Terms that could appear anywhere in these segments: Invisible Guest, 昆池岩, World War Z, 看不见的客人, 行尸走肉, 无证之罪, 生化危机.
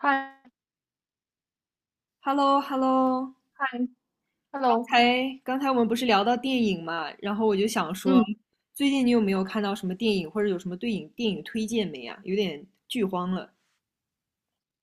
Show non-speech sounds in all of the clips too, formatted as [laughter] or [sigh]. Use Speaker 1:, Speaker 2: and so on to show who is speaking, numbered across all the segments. Speaker 1: 嗨
Speaker 2: Hello hello。
Speaker 1: 嗨
Speaker 2: 刚
Speaker 1: ，hello，
Speaker 2: 才刚才我们不是聊到电影嘛，然后我就想说，
Speaker 1: 嗯，
Speaker 2: 最近你有没有看到什么电影，或者有什么对影电影推荐没啊？有点剧荒了。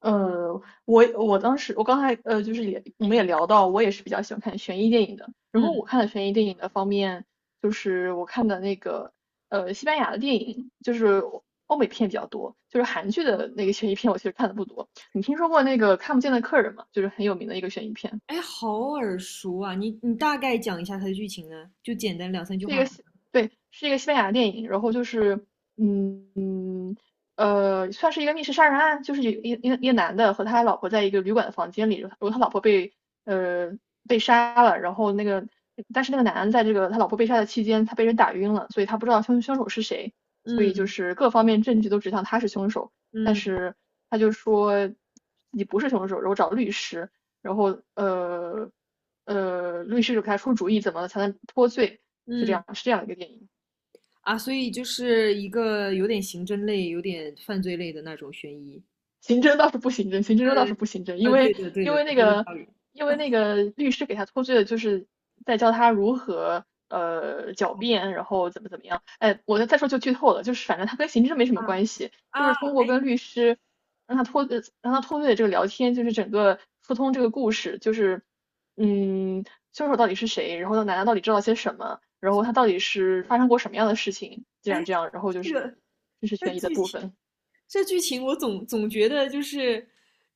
Speaker 1: 呃，我我当时我刚才呃就是也我们也聊到，我也是比较喜欢看悬疑电影的。然后我
Speaker 2: 嗯。
Speaker 1: 看的悬疑电影的方面，就是我看的那个西班牙的电影，就是欧美片比较多，就是韩剧的那个悬疑片我其实看的不多。你听说过那个看不见的客人吗？就是很有名的一个悬疑片，
Speaker 2: 哎，好耳熟啊！你大概讲一下它的剧情呢？就简单两三句
Speaker 1: 是
Speaker 2: 话。
Speaker 1: 一个西对，是一个西班牙电影。然后就是嗯。算是一个密室杀人案，就是有一个男的和他老婆在一个旅馆的房间里，然后他老婆被呃被杀了，然后那个但是那个男的在这个他老婆被杀的期间，他被人打晕了，所以他不知道凶手是谁，所以就
Speaker 2: 嗯，
Speaker 1: 是各方面证据都指向他是凶手，但
Speaker 2: 嗯，
Speaker 1: 是他就说自己不是凶手，然后找律师，然后律师就给他出主意怎么才能脱罪，
Speaker 2: 嗯。
Speaker 1: 是这样一个电影。
Speaker 2: 啊，所以就是一个有点刑侦类、有点犯罪类的那种悬疑。
Speaker 1: 刑侦倒是不刑侦，因
Speaker 2: 对
Speaker 1: 为
Speaker 2: 的对
Speaker 1: 因
Speaker 2: 的，
Speaker 1: 为
Speaker 2: 你
Speaker 1: 那
Speaker 2: 说的有
Speaker 1: 个
Speaker 2: 道理。
Speaker 1: 因为那个律师给他脱罪的，就是在教他如何狡
Speaker 2: 哦，
Speaker 1: 辩，然后怎么怎么样。哎，我再说就剧透了，就是反正他跟刑侦没什么
Speaker 2: 啊，
Speaker 1: 关系，就
Speaker 2: 啊，
Speaker 1: 是通过
Speaker 2: 哎，
Speaker 1: 跟律师让他脱罪的这个聊天，就是整个疏通这个故事，就是嗯凶手到底是谁，然后奶奶到底知道些什么，然后他到底是发生过什么样的事情，这
Speaker 2: 哎，
Speaker 1: 样这样，然后就
Speaker 2: 这
Speaker 1: 是
Speaker 2: 个，
Speaker 1: 这是
Speaker 2: 这
Speaker 1: 悬疑的
Speaker 2: 剧
Speaker 1: 部
Speaker 2: 情。
Speaker 1: 分，
Speaker 2: 这剧情我总觉得就是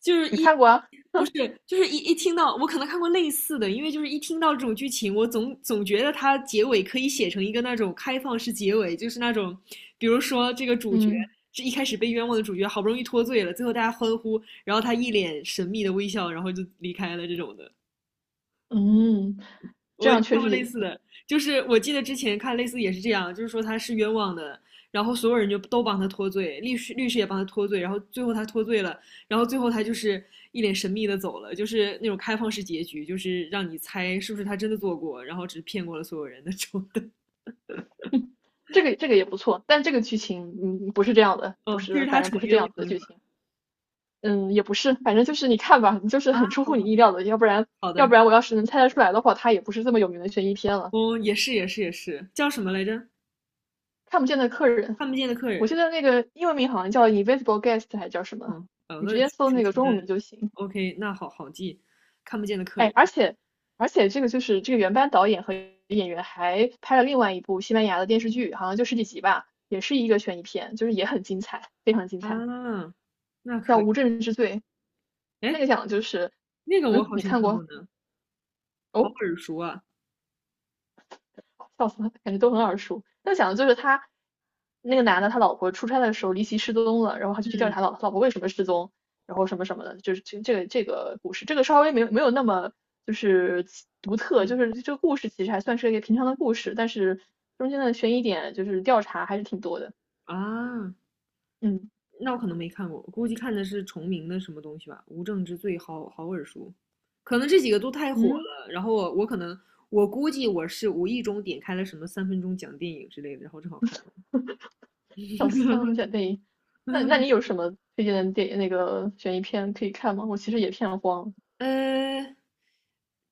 Speaker 2: 就是
Speaker 1: 你
Speaker 2: 一
Speaker 1: 看过啊？
Speaker 2: 不是就是一听到我可能看过类似的，因为就是一听到这种剧情，我总觉得它结尾可以写成一个那种开放式结尾，就是那种比如说这个主角。
Speaker 1: 嗯。
Speaker 2: 这一开始被冤枉的主角好不容易脱罪了，最后大家欢呼，然后他一脸神秘的微笑，然后就离开了这种的。
Speaker 1: 嗯，这
Speaker 2: 我
Speaker 1: 样确
Speaker 2: 看过
Speaker 1: 实
Speaker 2: 类
Speaker 1: 也
Speaker 2: 似的，
Speaker 1: 行，
Speaker 2: 就是我记得之前看类似也是这样，就是说他是冤枉的，然后所有人就都帮他脱罪，律师也帮他脱罪，然后最后他脱罪了，然后最后他就是一脸神秘的走了，就是那种开放式结局，就是让你猜是不是他真的做过，然后只是骗过了所有人那种的。
Speaker 1: 这个也不错，但这个剧情嗯不是这样的，不
Speaker 2: 哦，就是
Speaker 1: 是，
Speaker 2: 他
Speaker 1: 反正不
Speaker 2: 纯
Speaker 1: 是这
Speaker 2: 冤枉
Speaker 1: 样子的
Speaker 2: 是
Speaker 1: 剧
Speaker 2: 吧？
Speaker 1: 情，嗯，也不是，反正就是你看吧，就是
Speaker 2: 啊，
Speaker 1: 很出
Speaker 2: 好，
Speaker 1: 乎你
Speaker 2: 好，
Speaker 1: 意料的，
Speaker 2: 好
Speaker 1: 要
Speaker 2: 的。
Speaker 1: 不然我要是能猜得出来的话，它也不是这么有名的悬疑片了。
Speaker 2: 哦，也是也是也是，叫什么来着？
Speaker 1: 看不见的客人，
Speaker 2: 看不见的客
Speaker 1: 我
Speaker 2: 人。
Speaker 1: 记得那个英文名好像叫《Invisible Guest》还叫什么，
Speaker 2: 嗯。
Speaker 1: 你
Speaker 2: 那
Speaker 1: 直接搜
Speaker 2: 纯
Speaker 1: 那个
Speaker 2: 纯
Speaker 1: 中
Speaker 2: 的
Speaker 1: 文名就行。
Speaker 2: ，OK，那好好记，看不见的客
Speaker 1: 哎，
Speaker 2: 人。
Speaker 1: 而且这个就是这个原班导演和演员还拍了另外一部西班牙的电视剧，好像就十几集吧，也是一个悬疑片，就是也很精彩，非常精彩，
Speaker 2: 啊，那
Speaker 1: 叫
Speaker 2: 可以。
Speaker 1: 《无证之罪》。那
Speaker 2: 哎，
Speaker 1: 个讲的就是，
Speaker 2: 那个我
Speaker 1: 嗯，
Speaker 2: 好
Speaker 1: 你
Speaker 2: 像
Speaker 1: 看
Speaker 2: 看过
Speaker 1: 过？
Speaker 2: 呢，好
Speaker 1: 哦，
Speaker 2: 耳熟啊。
Speaker 1: 笑死了，感觉都很耳熟。那讲的就是那个男的，他老婆出差的时候离奇失踪了，然后他就去调
Speaker 2: 嗯，
Speaker 1: 查老婆为什么失踪，然后什么什么的，就是这个故事，这个稍微没有那么就是独特，就
Speaker 2: 嗯。
Speaker 1: 是这个故事其实还算是一个平常的故事，但是中间的悬疑点就是调查还是挺多的。
Speaker 2: 啊，
Speaker 1: 嗯
Speaker 2: 那我可能没看过，我估计看的是重名的什么东西吧，《无证之罪》好好耳熟。可能这几个都太火
Speaker 1: 嗯，
Speaker 2: 了，然后我可能我估计我是无意中点开了什么3分钟讲电影之类的，然后正好看了。
Speaker 1: 笑死，三龙姐
Speaker 2: [laughs]
Speaker 1: 妹，那你有什么推荐的电那个悬疑片可以看吗？我其实也片荒
Speaker 2: 呃，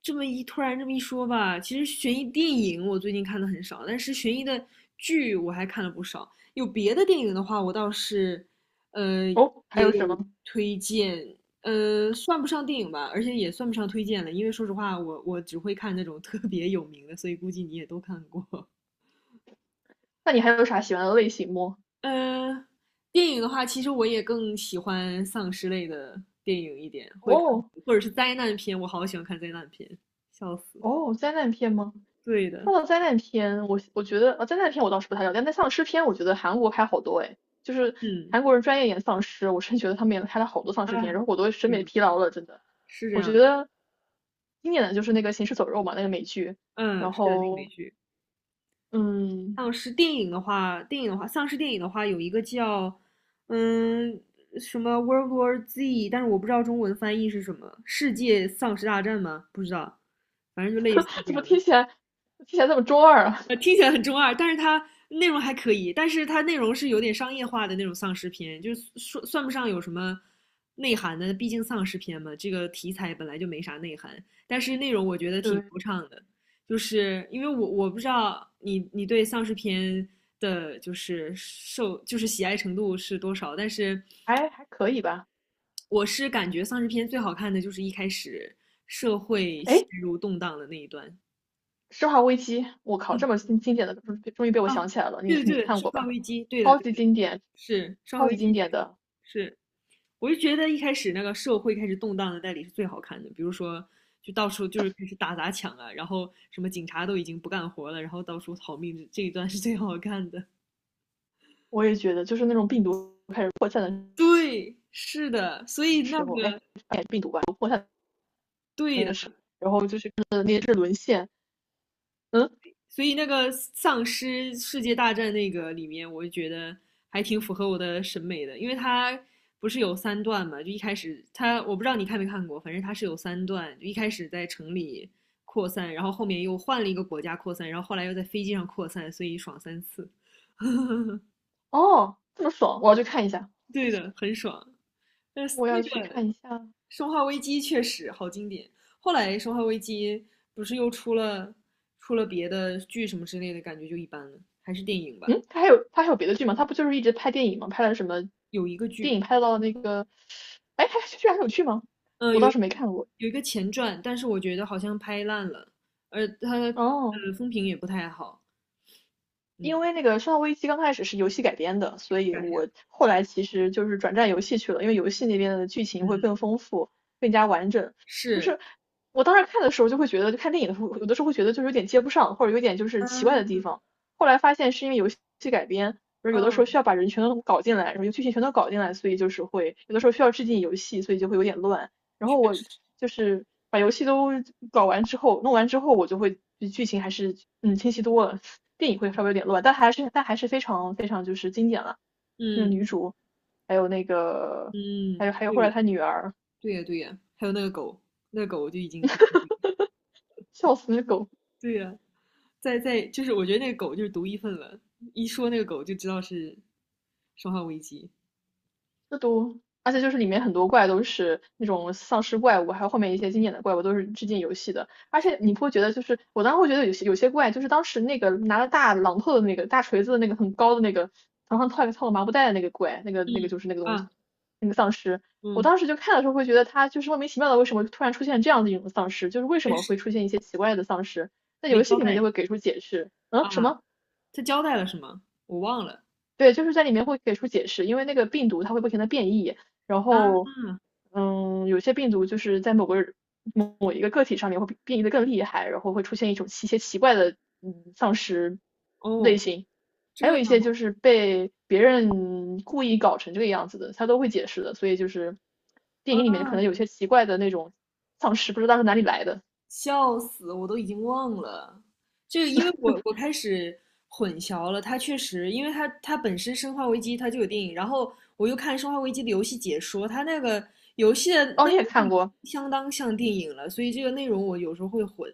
Speaker 2: 这么一突然这么一说吧，其实悬疑电影我最近看的很少，但是悬疑的剧我还看了不少。有别的电影的话，我倒是，呃，
Speaker 1: 哦，还
Speaker 2: 也
Speaker 1: 有什
Speaker 2: 有
Speaker 1: 么？
Speaker 2: 推荐。算不上电影吧，而且也算不上推荐了，因为说实话，我只会看那种特别有名的，所以估计你也都看过。
Speaker 1: 那你还有啥喜欢的类型吗？
Speaker 2: 呃，电影的话，其实我也更喜欢丧尸类的电影一点，会看，
Speaker 1: 哦，
Speaker 2: 或者是灾难片，我好喜欢看灾难片，笑死。
Speaker 1: 哦，灾难片吗？
Speaker 2: 对的。
Speaker 1: 说到灾难片，我觉得，灾难片我倒是不太了解，但丧尸片我觉得韩国拍好多诶，就是
Speaker 2: 嗯。
Speaker 1: 韩国人专业演丧尸，我真觉得他们也拍了好多丧尸片，
Speaker 2: 啊，
Speaker 1: 然后我都审
Speaker 2: 这样
Speaker 1: 美
Speaker 2: 的，
Speaker 1: 疲劳了，真的。
Speaker 2: 是这
Speaker 1: 我觉
Speaker 2: 样的。
Speaker 1: 得经典的就是那个《行尸走肉》嘛，那个美剧，
Speaker 2: 嗯，
Speaker 1: 然
Speaker 2: 是的，那个美
Speaker 1: 后
Speaker 2: 剧。
Speaker 1: 嗯，
Speaker 2: 丧尸电影的话，有一个叫嗯什么 World War Z，但是我不知道中文翻译是什么，世界丧尸大战吗？不知道，反正就类似于
Speaker 1: [laughs]
Speaker 2: 这
Speaker 1: 怎么
Speaker 2: 样的。
Speaker 1: 听起来这么中二啊？
Speaker 2: 听起来很中二，但是它内容还可以，但是它内容是有点商业化的那种丧尸片，就是说算不上有什么内涵的，毕竟丧尸片嘛，这个题材本来就没啥内涵，但是内容我觉得
Speaker 1: [laughs]
Speaker 2: 挺
Speaker 1: 对，
Speaker 2: 流畅的，就是因为我不知道你对丧尸片的就是受就是喜爱程度是多少，但是
Speaker 1: 还还可以吧。
Speaker 2: 我是感觉丧尸片最好看的就是一开始社会陷
Speaker 1: 哎，
Speaker 2: 入动荡的那一段。
Speaker 1: 《生化危机》，我靠，这么经典的，终于被我想
Speaker 2: 啊，
Speaker 1: 起来了，你
Speaker 2: 对的
Speaker 1: 你
Speaker 2: 对的，
Speaker 1: 看
Speaker 2: 生
Speaker 1: 过
Speaker 2: 化
Speaker 1: 吧？
Speaker 2: 危机，对的
Speaker 1: 超
Speaker 2: 对
Speaker 1: 级
Speaker 2: 的。
Speaker 1: 经典，
Speaker 2: 是，稍
Speaker 1: 超
Speaker 2: 微
Speaker 1: 级
Speaker 2: 一
Speaker 1: 经
Speaker 2: 些，
Speaker 1: 典的。
Speaker 2: 是。我就觉得一开始那个社会开始动荡的代理是最好看的，比如说就到处就是开始打砸抢啊，然后什么警察都已经不干活了，然后到处逃命，这一段是最好看的。
Speaker 1: 我也觉得，就是那种病毒开始扩散
Speaker 2: 对，是的，所以
Speaker 1: 的时
Speaker 2: 那
Speaker 1: 候，哎，
Speaker 2: 个
Speaker 1: 病毒吧，扩散
Speaker 2: 对的。
Speaker 1: 的时候，然后就是看那些是沦陷，嗯，
Speaker 2: 所以那个丧尸世界大战那个里面，我就觉得还挺符合我的审美的，因为它不是有三段嘛，就一开始它我不知道你看没看过，反正它是有三段，就一开始在城里扩散，然后后面又换了一个国家扩散，然后后来又在飞机上扩散，所以爽3次。
Speaker 1: 哦，这么爽，我要去看一下，
Speaker 2: 对的，很爽。但是
Speaker 1: 我
Speaker 2: 那
Speaker 1: 要去
Speaker 2: 个
Speaker 1: 看一下。
Speaker 2: 《生化危机》确实好经典。后来《生化危机》不是又出了别的剧什么之类的，感觉就一般了，还是电影吧。
Speaker 1: 嗯，他还有别的剧吗？他不就是一直拍电影吗？拍了什么
Speaker 2: 有一个
Speaker 1: 电
Speaker 2: 剧
Speaker 1: 影？拍到那个，哎，他居然还有剧吗？
Speaker 2: 呃，
Speaker 1: 我
Speaker 2: 有
Speaker 1: 倒
Speaker 2: 一个
Speaker 1: 是没看过。
Speaker 2: 有一个前传，但是我觉得好像拍烂了，而它
Speaker 1: 哦，
Speaker 2: 风评也不太好。嗯，
Speaker 1: 因为那个《生化危机》刚开始是游戏改编的，所以
Speaker 2: 表现。
Speaker 1: 我后来其实就是转战游戏去了，因为游戏那边的剧情会
Speaker 2: 嗯。
Speaker 1: 更丰富、更加完整。就
Speaker 2: 是。
Speaker 1: 是我当时看的时候就会觉得，就看电影的时候，有的时候会觉得就是有点接不上，或者有点就是奇怪的地
Speaker 2: 嗯，
Speaker 1: 方。后来发现是因为游戏改编，就是有的时
Speaker 2: 嗯。
Speaker 1: 候需要把人全都搞进来，然后剧情全都搞进来，所以就是会有的时候需要致敬游戏，所以就会有点乱。然后
Speaker 2: 确
Speaker 1: 我
Speaker 2: 实。
Speaker 1: 就是把游戏都搞完之后，弄完之后，我就会比剧情还是嗯清晰多了，电影会稍微有点乱，但还是非常就是经典了，就是
Speaker 2: 嗯，
Speaker 1: 女主，还有那个
Speaker 2: 嗯。
Speaker 1: 还有后来
Speaker 2: 对，
Speaker 1: 她女儿，
Speaker 2: 对呀对呀，还有那个狗，那个狗就已经很。
Speaker 1: 笑死狗，
Speaker 2: 对呀，在就是我觉得那个狗就是独一份了，一说那个狗就知道是《生化危机》。
Speaker 1: 这都，而且就是里面很多怪都是那种丧尸怪物，还有后面一些经典的怪物都是致敬游戏的。而且你不会觉得，就是我当时会觉得有些怪，就是当时那个拿着大榔头的那个大锤子的那个很高的那个头上套个麻布袋的那个怪，那个
Speaker 2: 嗯。
Speaker 1: 那个就是那个东西，
Speaker 2: 啊。
Speaker 1: 那个丧尸。我
Speaker 2: 嗯。
Speaker 1: 当时就看的时候会觉得他就是莫名其妙的，为什么突然出现这样的一种丧尸？就是为什
Speaker 2: 确
Speaker 1: 么
Speaker 2: 实
Speaker 1: 会出现一些奇怪的丧尸？在
Speaker 2: 没
Speaker 1: 游戏
Speaker 2: 交
Speaker 1: 里面就
Speaker 2: 代
Speaker 1: 会给出解释。嗯，什
Speaker 2: 啊，
Speaker 1: 么？
Speaker 2: 他交代了是吗？我忘了。
Speaker 1: 对，就是在里面会给出解释，因为那个病毒它会不停的变异，然
Speaker 2: 啊。
Speaker 1: 后，嗯，有些病毒就是在某一个个体上面会变异的更厉害，然后会出现一种奇怪的嗯丧尸类
Speaker 2: 哦，
Speaker 1: 型，还有
Speaker 2: 这
Speaker 1: 一
Speaker 2: 样
Speaker 1: 些
Speaker 2: 啊。
Speaker 1: 就是被别人故意搞成这个样子的，他都会解释的，所以就是电影里面可能有些奇怪的那种丧尸，不知道是哪里来的。
Speaker 2: 笑死，我都已经忘了。这个，因为我开始混淆了，它确实，因为它本身《生化危机》它就有电影，然后我又看《生化危机》的游戏解说，它那个游戏的
Speaker 1: 哦，
Speaker 2: 内
Speaker 1: 你也
Speaker 2: 容就已
Speaker 1: 看
Speaker 2: 经
Speaker 1: 过，
Speaker 2: 相当像电影了，所以这个内容我有时候会混。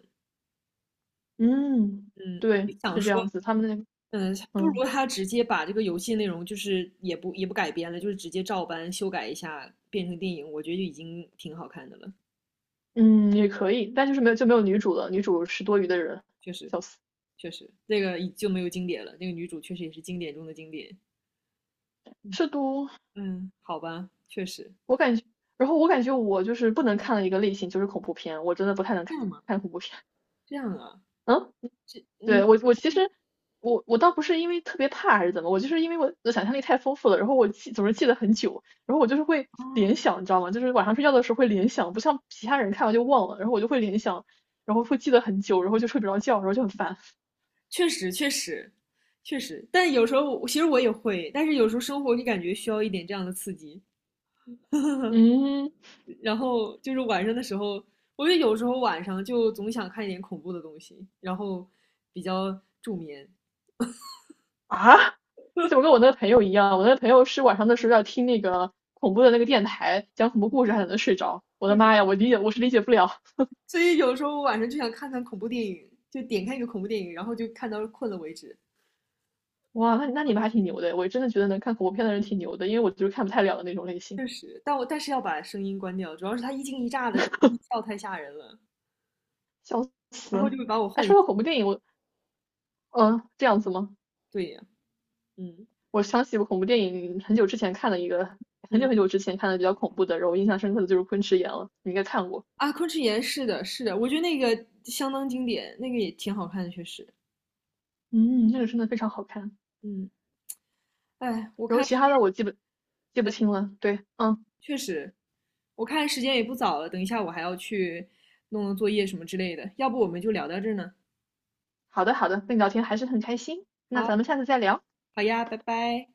Speaker 1: 嗯，
Speaker 2: 嗯，我
Speaker 1: 对，
Speaker 2: 就想
Speaker 1: 是这样
Speaker 2: 说，
Speaker 1: 子，他们那，个
Speaker 2: 嗯，不如
Speaker 1: 嗯。
Speaker 2: 他直接把这个游戏内容就是也不改编了，就是直接照搬修改一下变成电影，我觉得就已经挺好看的了。
Speaker 1: 嗯，也可以，但就是没有就没有女主了，女主是多余的人，
Speaker 2: 确实，
Speaker 1: 笑死。
Speaker 2: 确实，那个已就没有经典了，那个女主确实也是经典中的经典。
Speaker 1: 是都，
Speaker 2: 嗯，好吧，确实。
Speaker 1: 我感觉，然后我感觉我就是不能看的一个类型就是恐怖片，我真的不太能
Speaker 2: 这
Speaker 1: 看
Speaker 2: 样吗？
Speaker 1: 看恐怖片。
Speaker 2: 这样啊。
Speaker 1: 嗯，
Speaker 2: 嗯，
Speaker 1: 对，我我其实我倒不是因为特别怕还是怎么，我就是因为我的想象力太丰富了，然后总是记得很久，然后我就是会联想，你知道吗？就是晚上睡觉的时候会联想，不像其他人看完就忘了，然后我就会联想，然后会记得很久，然后就睡不着觉，然后就很烦。
Speaker 2: 确实确实确实，但有时候我其实也会，但是有时候生活就感觉需要一点这样的刺激，
Speaker 1: [laughs] 嗯。
Speaker 2: 然后就是晚上的时候，我觉得有时候晚上就总想看一点恐怖的东西，然后比较助眠，
Speaker 1: 啊，[laughs] 你怎么跟我那个朋友一样？我那个朋友是晚上的时候要听那个恐怖的那个电台讲恐怖故事，还能睡着。我的妈呀，我是理解不了。
Speaker 2: 所以有时候晚上就想看看恐怖电影，就点开一个恐怖电影，然后就看到困了为止。
Speaker 1: 哇，那那
Speaker 2: 我
Speaker 1: 你们
Speaker 2: 就
Speaker 1: 还挺牛的，我真的觉得能看恐怖片的人挺牛的，因为我就是看不太了的那种类型，
Speaker 2: 确实，但但是要把声音关掉，主要是它一惊一乍的时候音效太吓人了，
Speaker 1: 笑死。
Speaker 2: 然后就会把我
Speaker 1: 哎，
Speaker 2: 唤醒。
Speaker 1: 说到恐怖电影，我嗯、这样子吗？
Speaker 2: 对呀。嗯，
Speaker 1: 我想起我恐怖电影很久之前看的一个，很久
Speaker 2: 嗯。
Speaker 1: 很久之前看的比较恐怖的，然后我印象深刻的就是《昆池岩》了，你应该看过。
Speaker 2: 啊，昆池岩是的，是的，我觉得那个相当经典，那个也挺好看的，确实。
Speaker 1: 嗯，那个真的非常好看。
Speaker 2: 嗯。哎，
Speaker 1: 然后其他的我记不清了。对，嗯。
Speaker 2: 确实，我看时间也不早了，等一下我还要去弄弄作业什么之类的，要不我们就聊到这儿呢。
Speaker 1: 好的，好的，跟你聊天还是很开心，那
Speaker 2: 好。
Speaker 1: 咱们下次再聊，
Speaker 2: 好呀，拜拜。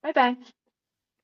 Speaker 1: 拜拜。